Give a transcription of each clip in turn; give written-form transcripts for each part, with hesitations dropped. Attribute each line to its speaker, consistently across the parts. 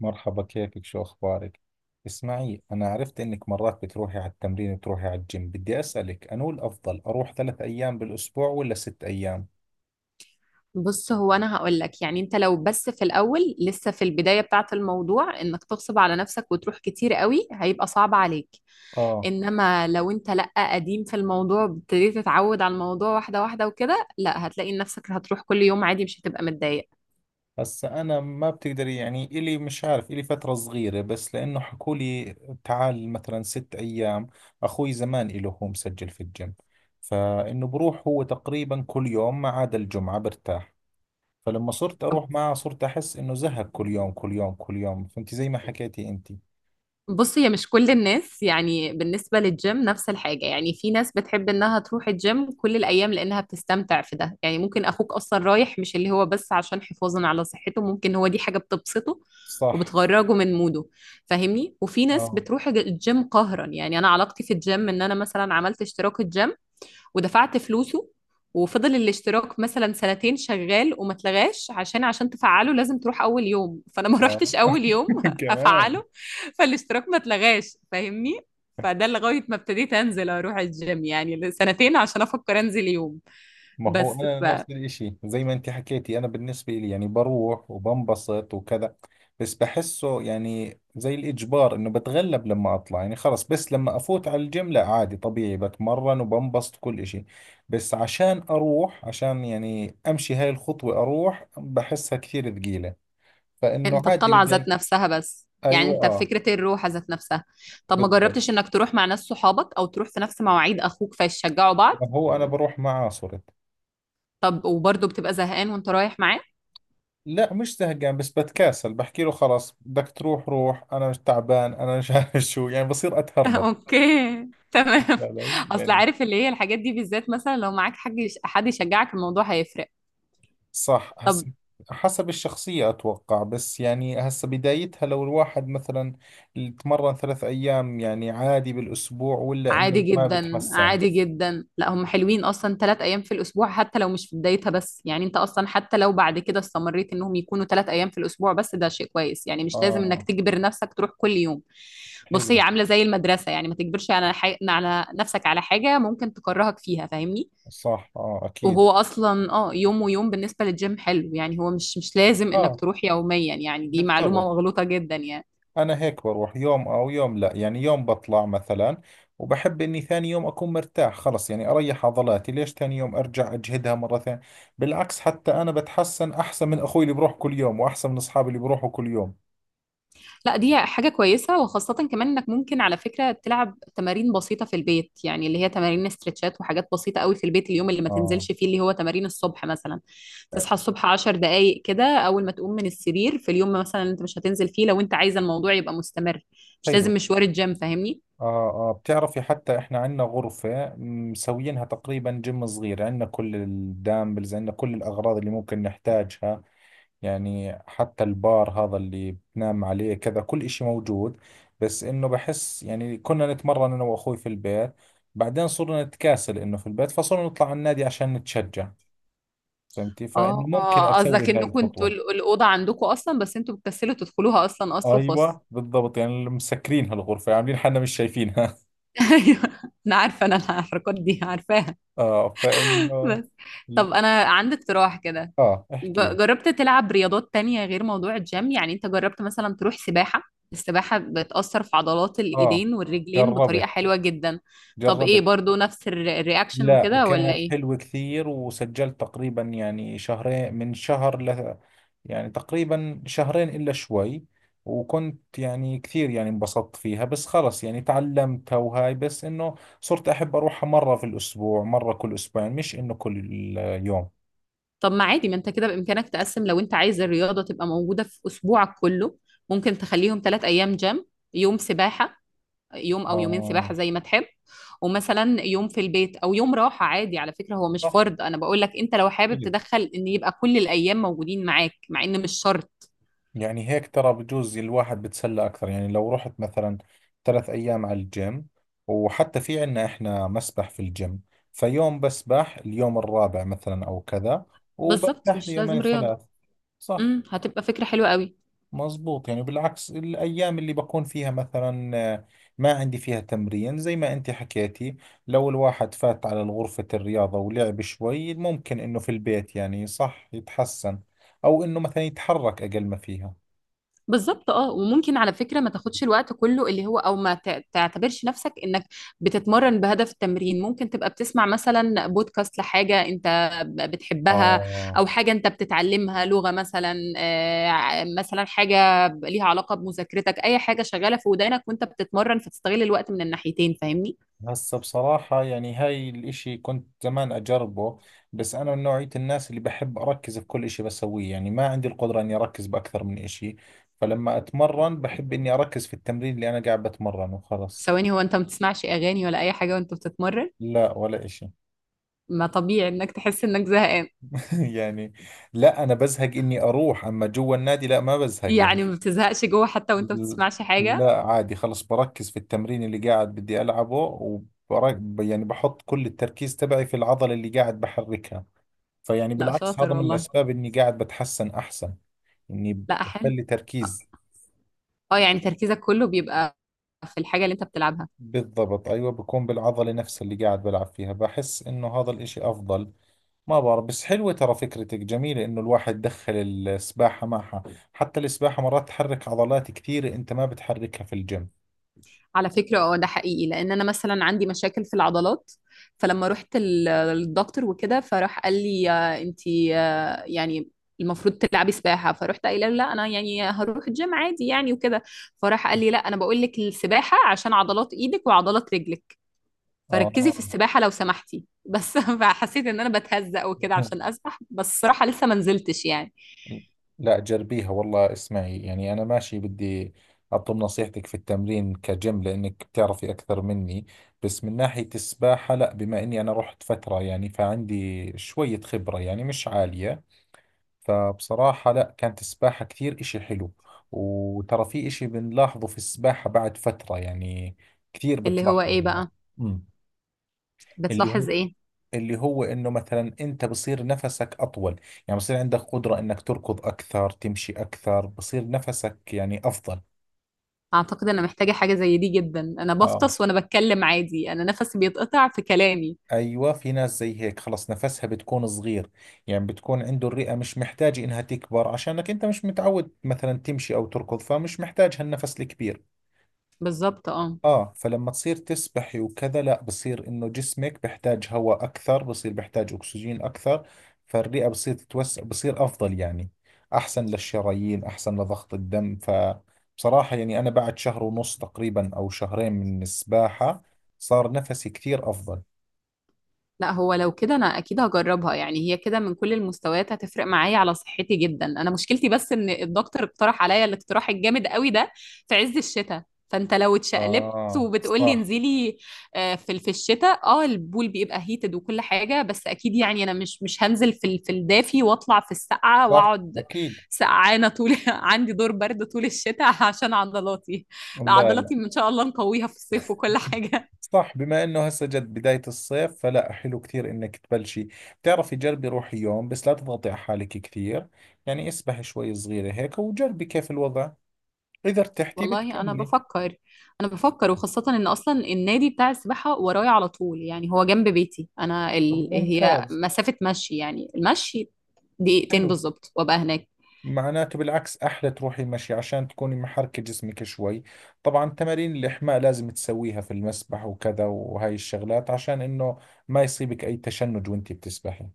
Speaker 1: مرحبا، كيفك؟ شو أخبارك؟ اسمعي، أنا عرفت إنك مرات بتروحي على التمرين وتروحي على الجيم. بدي أسألك أنو الأفضل أروح 3 أيام بالأسبوع ولا 6 أيام؟
Speaker 2: بص، هو انا هقول لك يعني انت لو بس في الاول لسه في البدايه بتاعه الموضوع، انك تغصب على نفسك وتروح كتير قوي هيبقى صعب عليك.
Speaker 1: آه.
Speaker 2: انما لو انت لا قديم في الموضوع، ابتديت تتعود على الموضوع واحده واحده وكده، لا هتلاقي نفسك هتروح كل يوم عادي مش هتبقى متضايق.
Speaker 1: هسا أنا ما بتقدري، يعني إلي مش عارف، إلي فترة صغيرة بس، لأنه حكولي تعال مثلا 6 أيام. أخوي زمان إله هو مسجل في الجيم، فإنه بروح هو تقريبا كل يوم ما عدا الجمعة برتاح. فلما صرت أروح معه صرت أحس إنه زهق كل يوم كل يوم كل يوم، فهمتي؟ زي ما حكيتي أنتي.
Speaker 2: بص، هي مش كل الناس يعني بالنسبة للجيم نفس الحاجة. يعني في ناس بتحب انها تروح الجيم كل الأيام لأنها بتستمتع في ده. يعني ممكن أخوك أصلا رايح مش اللي هو بس عشان حفاظا على صحته، ممكن هو دي حاجة بتبسطه
Speaker 1: صح.
Speaker 2: وبتخرجه من موده، فاهمني. وفي ناس
Speaker 1: اه،
Speaker 2: بتروح الجيم قهرا. يعني أنا علاقتي في الجيم إن أنا مثلا عملت اشتراك الجيم، ودفعت فلوسه، وفضل الاشتراك مثلا سنتين شغال وما اتلغاش، عشان تفعله لازم تروح اول يوم. فانا ما
Speaker 1: اه.
Speaker 2: روحتش اول يوم
Speaker 1: كمان.
Speaker 2: افعله. فالاشتراك ما اتلغاش، فاهمني. فده لغايه ما ابتديت انزل اروح الجيم يعني سنتين عشان افكر انزل يوم
Speaker 1: ما هو
Speaker 2: بس.
Speaker 1: انا نفس الاشي زي ما انت حكيتي، انا بالنسبة لي يعني بروح وبنبسط وكذا. بس بحسه يعني زي الاجبار انه بتغلب لما اطلع يعني خلص. بس لما افوت على الجيم لا، عادي طبيعي، بتمرن وبنبسط كل اشي. بس عشان اروح، عشان يعني امشي هاي الخطوة اروح، بحسها كثير ثقيلة. فانه
Speaker 2: فانت
Speaker 1: عادي
Speaker 2: الطلعه
Speaker 1: بدي.
Speaker 2: ذات نفسها، بس يعني
Speaker 1: ايوه،
Speaker 2: انت
Speaker 1: اه،
Speaker 2: فكره الروحه ذات نفسها. طب ما
Speaker 1: بالضبط.
Speaker 2: جربتش انك تروح مع ناس صحابك، او تروح في نفس مواعيد اخوك فيشجعوا بعض؟
Speaker 1: ما هو انا بروح معاه صرت.
Speaker 2: طب وبرضه بتبقى زهقان وانت رايح معاه؟
Speaker 1: لا، مش زهقان، بس بتكاسل، بحكي له خلاص بدك تروح روح، انا مش تعبان، انا مش عارف شو، يعني بصير اتهرب
Speaker 2: اوكي، تمام.
Speaker 1: علي؟
Speaker 2: اصل
Speaker 1: يعني.
Speaker 2: عارف، اللي هي الحاجات دي بالذات مثلا لو معاك حد يشجعك الموضوع هيفرق.
Speaker 1: صح.
Speaker 2: طب،
Speaker 1: هسه حسب الشخصية أتوقع، بس يعني هسه بدايتها. لو الواحد مثلا تمرن 3 أيام يعني عادي بالأسبوع، ولا إنه
Speaker 2: عادي
Speaker 1: ما
Speaker 2: جدا
Speaker 1: بتحسن؟
Speaker 2: عادي جدا. لا، هم حلوين اصلا 3 ايام في الاسبوع حتى لو مش في بدايتها، بس يعني انت اصلا حتى لو بعد كده استمريت، انهم يكونوا 3 ايام في الاسبوع بس، ده شيء كويس. يعني مش لازم انك
Speaker 1: آه،
Speaker 2: تجبر نفسك تروح كل يوم. بص، هي
Speaker 1: حلو.
Speaker 2: عامله زي المدرسه. يعني ما تجبرش على على نفسك على حاجه ممكن تكرهك فيها، فاهمني.
Speaker 1: صح، آه، أكيد.
Speaker 2: وهو اصلا، يوم ويوم بالنسبه للجيم حلو. يعني هو مش لازم انك
Speaker 1: آه،
Speaker 2: تروح يوميا. يعني دي معلومه
Speaker 1: بالضبط.
Speaker 2: مغلوطه جدا يعني.
Speaker 1: أنا هيك بروح يوم أو يوم لا، يعني يوم بطلع مثلا، وبحب إني ثاني يوم أكون مرتاح، خلص يعني أريح عضلاتي. ليش ثاني يوم أرجع أجهدها مرة ثانية؟ بالعكس، حتى أنا بتحسن أحسن من أخوي اللي بروح كل يوم، وأحسن من أصحابي اللي بروحوا كل يوم.
Speaker 2: لا، دي حاجه كويسه، وخاصه كمان انك ممكن على فكره تلعب تمارين بسيطه في البيت، يعني اللي هي تمارين استرتشات وحاجات بسيطه قوي في البيت، اليوم اللي ما
Speaker 1: اه،
Speaker 2: تنزلش فيه، اللي هو تمارين الصبح مثلا. تصحى الصبح 10 دقائق كده اول ما تقوم من السرير، في اليوم مثلا انت مش هتنزل فيه، لو انت عايزه الموضوع يبقى مستمر. مش لازم
Speaker 1: حلو.
Speaker 2: مشوار الجيم، فاهمني.
Speaker 1: آه آه، بتعرفي حتى إحنا عندنا غرفة مسوينها تقريبا جيم صغير، عندنا كل الدامبلز، عندنا كل الأغراض اللي ممكن نحتاجها، يعني حتى البار هذا اللي بتنام عليه كذا، كل إشي موجود. بس إنه بحس يعني كنا نتمرن أنا وأخوي في البيت، بعدين صرنا نتكاسل إنه في البيت، فصرنا نطلع على النادي عشان نتشجع، فهمتي؟ فإنه
Speaker 2: اه،
Speaker 1: ممكن
Speaker 2: اه، قصدك
Speaker 1: أسوي هاي
Speaker 2: انه كنتوا
Speaker 1: الخطوة.
Speaker 2: الاوضه عندكم اصلا بس انتوا بتكسلوا تدخلوها، اصلا اصل وفصل.
Speaker 1: أيوة بالضبط، يعني اللي مسكرين هالغرفة عاملين حالنا مش شايفينها.
Speaker 2: ايوه. انا عارفه، انا الحركات دي عارفاها.
Speaker 1: آه، فإنه.
Speaker 2: بس. طب، انا عندي اقتراح كده.
Speaker 1: آه، احكي لي.
Speaker 2: جربت تلعب رياضات تانية غير موضوع الجيم؟ يعني انت جربت مثلا تروح سباحه؟ السباحه بتاثر في عضلات
Speaker 1: آه،
Speaker 2: الايدين والرجلين بطريقه
Speaker 1: جربت،
Speaker 2: حلوه جدا. طب ايه،
Speaker 1: جربت.
Speaker 2: برضو نفس الرياكشن
Speaker 1: لا،
Speaker 2: وكده ولا
Speaker 1: كانت
Speaker 2: ايه؟
Speaker 1: حلوة كثير، وسجلت تقريبا يعني 2 شهر، من شهر ل، يعني تقريبا 2 شهر إلا شوي. وكنت يعني كثير، يعني انبسطت فيها، بس خلص يعني تعلمتها وهاي، بس إنه صرت أحب أروحها مرة في الأسبوع، مرة كل 2 أسبوع، مش إنه كل يوم.
Speaker 2: طب ما عادي، ما انت كده بامكانك تقسم، لو انت عايز الرياضه تبقى موجوده في اسبوعك كله. ممكن تخليهم 3 ايام جيم. يوم سباحه. يوم او يومين سباحه
Speaker 1: آه،
Speaker 2: زي ما تحب. ومثلا يوم في البيت او يوم راحه عادي. على فكره هو مش
Speaker 1: صح،
Speaker 2: فرض، انا بقول لك انت لو حابب
Speaker 1: أكيد.
Speaker 2: تدخل ان يبقى كل الايام موجودين معاك، مع ان مش شرط.
Speaker 1: يعني هيك ترى بجوز الواحد بتسلى أكثر، يعني لو رحت مثلا 3 أيام على الجيم، وحتى في عنا إحنا مسبح في الجيم، فيوم بسبح اليوم الرابع مثلا أو كذا،
Speaker 2: بالظبط،
Speaker 1: وبرتاح
Speaker 2: مش لازم
Speaker 1: ليومين
Speaker 2: رياضه.
Speaker 1: ثلاث صح.
Speaker 2: هتبقى فكره حلوه قوي.
Speaker 1: مزبوط، يعني بالعكس الأيام اللي بكون فيها مثلا آه، ما عندي فيها تمرين، زي ما أنت حكيتي، لو الواحد فات على غرفة الرياضة ولعب شوي ممكن إنه في البيت يعني صح يتحسن، أو إنه مثلا يتحرك أقل ما فيها.
Speaker 2: بالظبط، اه. وممكن على فكره ما تاخدش الوقت كله اللي هو، او ما تع- تعتبرش نفسك انك بتتمرن بهدف التمرين. ممكن تبقى بتسمع مثلا بودكاست لحاجه انت بتحبها.
Speaker 1: آه.
Speaker 2: او حاجه انت بتتعلمها، لغه مثلا، مثلا حاجه ليها علاقه بمذاكرتك، اي حاجه شغاله في ودانك وانت بتتمرن فتستغل الوقت من الناحيتين، فاهمني.
Speaker 1: هسه بصراحة يعني هاي الاشي كنت زمان اجربه، بس انا من نوعية الناس اللي بحب اركز في كل اشي بسويه، يعني ما عندي القدرة اني اركز باكثر من اشي، فلما اتمرن بحب اني اركز في التمرين اللي انا قاعد بتمرنه وخلص.
Speaker 2: ثواني، هو انت ما بتسمعش اغاني ولا اي حاجه وانت بتتمرن؟
Speaker 1: لا، ولا اشي.
Speaker 2: ما طبيعي انك تحس انك زهقان.
Speaker 1: يعني لا، انا بزهق اني اروح، اما جوا النادي لا ما بزهق يعني.
Speaker 2: يعني ما بتزهقش جوه حتى وانت ما بتسمعش حاجه؟
Speaker 1: لا، عادي خلص، بركز في التمرين اللي قاعد بدي العبه وبرك يعني، بحط كل التركيز تبعي في العضلة اللي قاعد بحركها. فيعني
Speaker 2: لا،
Speaker 1: بالعكس
Speaker 2: شاطر
Speaker 1: هذا من
Speaker 2: والله.
Speaker 1: الأسباب إني قاعد بتحسن أحسن، إني
Speaker 2: لا، حلو.
Speaker 1: بخلي تركيز.
Speaker 2: اه، يعني تركيزك كله بيبقى في الحاجة اللي انت بتلعبها.
Speaker 1: بالضبط، أيوة، بكون بالعضلة نفسها اللي قاعد بلعب فيها، بحس إنه هذا الإشي أفضل. ما بعرف، بس حلوة ترى فكرتك جميلة إنه الواحد دخل السباحة معها. حتى السباحة مرات تحرك عضلات كثيرة أنت ما بتحركها في الجيم.
Speaker 2: على فكرة، اه، ده حقيقي. لان انا مثلا عندي مشاكل في العضلات. فلما رحت للدكتور وكده، فراح قال لي انت، يعني المفروض تلعبي سباحة. فرحت قايله له لا، انا يعني هروح الجيم عادي يعني وكده. فراح قال لي لا، انا بقول لك السباحة عشان عضلات ايدك وعضلات رجلك. فركزي في
Speaker 1: آه.
Speaker 2: السباحة لو سمحتي، بس فحسيت ان انا بتهزق وكده عشان اسبح، بس الصراحة لسه ما نزلتش يعني.
Speaker 1: لا، جربيها والله. اسمعي، يعني أنا ماشي بدي أطلب نصيحتك في التمرين كجيم لأنك بتعرفي أكثر مني، بس من ناحية السباحة لا، بما إني أنا رحت فترة يعني فعندي شوية خبرة، يعني مش عالية. فبصراحة لا، كانت السباحة كثير إشي حلو. وترى في إشي بنلاحظه في السباحة بعد فترة، يعني كثير
Speaker 2: اللي هو
Speaker 1: بتلاحظ
Speaker 2: ايه
Speaker 1: الناس.
Speaker 2: بقى؟
Speaker 1: أمم. اللي
Speaker 2: بتلاحظ
Speaker 1: هو
Speaker 2: ايه؟
Speaker 1: اللي هو انه مثلا انت بصير نفسك اطول، يعني بصير عندك قدرة انك تركض اكثر، تمشي اكثر، بصير نفسك يعني افضل.
Speaker 2: اعتقد انا محتاجة حاجة زي دي جدا. انا
Speaker 1: اه.
Speaker 2: بفطس وانا بتكلم عادي، انا نفسي بيتقطع في كلامي.
Speaker 1: ايوه، في ناس زي هيك خلص نفسها بتكون صغير، يعني بتكون عنده الرئة مش محتاجة انها تكبر، عشانك انت مش متعود مثلا تمشي او تركض، فمش محتاج هالنفس الكبير.
Speaker 2: بالظبط، اه.
Speaker 1: اه، فلما تصير تسبحي وكذا لا، بصير انه جسمك بحتاج هواء اكثر، بصير بحتاج اكسجين اكثر، فالرئة بصير تتوسع بصير افضل يعني. احسن للشرايين، احسن لضغط الدم. فبصراحة يعني انا بعد شهر ونص تقريبا او 2 شهر من السباحة صار نفسي كثير افضل.
Speaker 2: لا، هو لو كده انا اكيد هجربها. يعني هي كده من كل المستويات هتفرق معايا على صحتي جدا. انا مشكلتي بس ان الدكتور اقترح عليا الاقتراح الجامد قوي ده في عز الشتاء، فانت لو اتشقلبت
Speaker 1: اه،
Speaker 2: وبتقولي
Speaker 1: صح،
Speaker 2: انزلي. في الشتاء، البول بيبقى هيتد وكل حاجه. بس اكيد يعني انا مش هنزل في في الدافي واطلع في السقعه
Speaker 1: صح،
Speaker 2: واقعد.
Speaker 1: اكيد.
Speaker 2: سقعانه طول عندي دور برد طول الشتاء عشان عضلاتي. لا،
Speaker 1: لا، لا.
Speaker 2: عضلاتي ان شاء الله نقويها في الصيف وكل حاجه.
Speaker 1: صح، بما انه هسه جد بداية الصيف، فلا حلو كثير انك تبلشي. بتعرفي، جربي روحي يوم بس لا تضغطي على حالك كثير، يعني اسبحي شوي صغيرة هيك وجربي كيف الوضع، اذا ارتحتي
Speaker 2: والله انا
Speaker 1: بتكملي.
Speaker 2: بفكر. انا بفكر وخاصه ان اصلا النادي بتاع السباحه ورايا على طول. يعني هو جنب بيتي انا
Speaker 1: طب
Speaker 2: هي
Speaker 1: ممتاز.
Speaker 2: مسافه مشي. يعني المشي دقيقتين
Speaker 1: حلو،
Speaker 2: بالظبط وابقى هناك.
Speaker 1: معناته بالعكس احلى تروحي مشي عشان تكوني محركة جسمك شوي. طبعا تمارين الاحماء لازم تسويها في المسبح وكذا وهاي الشغلات، عشان انه ما يصيبك اي تشنج وانتي بتسبحي.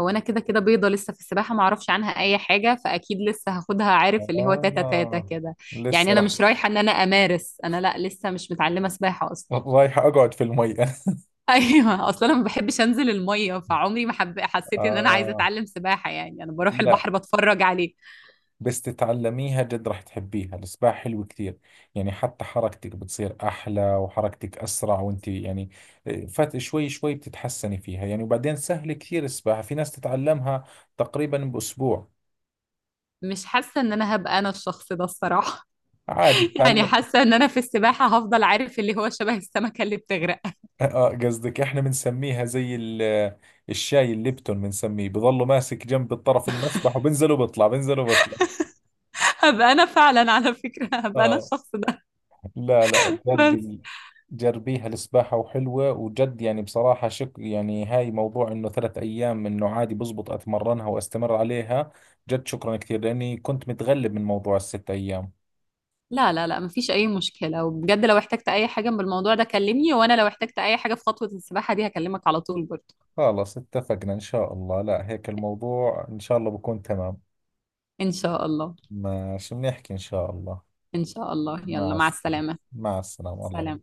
Speaker 2: هو انا كده كده بيضه لسه في السباحه، ما اعرفش عنها اي حاجه. فاكيد لسه هاخدها، عارف اللي هو تاتا تاتا
Speaker 1: آه،
Speaker 2: كده. يعني
Speaker 1: لسه
Speaker 2: انا
Speaker 1: راح،
Speaker 2: مش رايحه ان انا امارس، انا لا، لسه مش متعلمه سباحه اصلا.
Speaker 1: رايح اقعد في المي.
Speaker 2: ايوه، اصلا انا ما بحبش انزل الميه، فعمري ما حسيت ان انا عايزه
Speaker 1: آه،
Speaker 2: اتعلم سباحه. يعني انا بروح
Speaker 1: لا،
Speaker 2: البحر بتفرج عليه.
Speaker 1: بس تتعلميها جد راح تحبيها. السباحة حلو كثير، يعني حتى حركتك بتصير أحلى، وحركتك أسرع، وانت يعني فات شوي شوي بتتحسني فيها يعني. وبعدين سهل كثير السباحة، في ناس تتعلمها تقريبا بأسبوع.
Speaker 2: مش حاسة ان انا هبقى انا الشخص ده الصراحة.
Speaker 1: عادي
Speaker 2: يعني
Speaker 1: تتعلم.
Speaker 2: حاسة ان انا في السباحة هفضل، عارف اللي هو، شبه السمكة اللي بتغرق.
Speaker 1: آه، قصدك احنا بنسميها زي الشاي الليبتون، بنسميه بضله ماسك جنب الطرف المسبح، وبنزل وبطلع بنزل وبطلع.
Speaker 2: هبقى انا فعلا، على فكرة هبقى انا
Speaker 1: اه،
Speaker 2: الشخص ده.
Speaker 1: لا لا،
Speaker 2: بس.
Speaker 1: جربي. جربيها السباحة، وحلوة وجد يعني. بصراحة شك، يعني هاي موضوع انه 3 ايام انه عادي بزبط، اتمرنها واستمر عليها. جد شكرا كثير، لاني كنت متغلب من موضوع ال6 ايام.
Speaker 2: لا، لا، لا، مفيش اي مشكلة. وبجد لو احتجت اي حاجة بالموضوع ده كلمني، وانا لو احتجت اي حاجة في خطوة السباحة دي هكلمك على طول برضه.
Speaker 1: خلاص اتفقنا ان شاء الله، لا هيك الموضوع ان شاء الله بكون تمام.
Speaker 2: ان شاء الله.
Speaker 1: ماشي، بنحكي ان شاء الله.
Speaker 2: ان شاء الله، يلا،
Speaker 1: مع
Speaker 2: مع
Speaker 1: السلامة.
Speaker 2: السلامة.
Speaker 1: مع السلامة الله.
Speaker 2: سلام.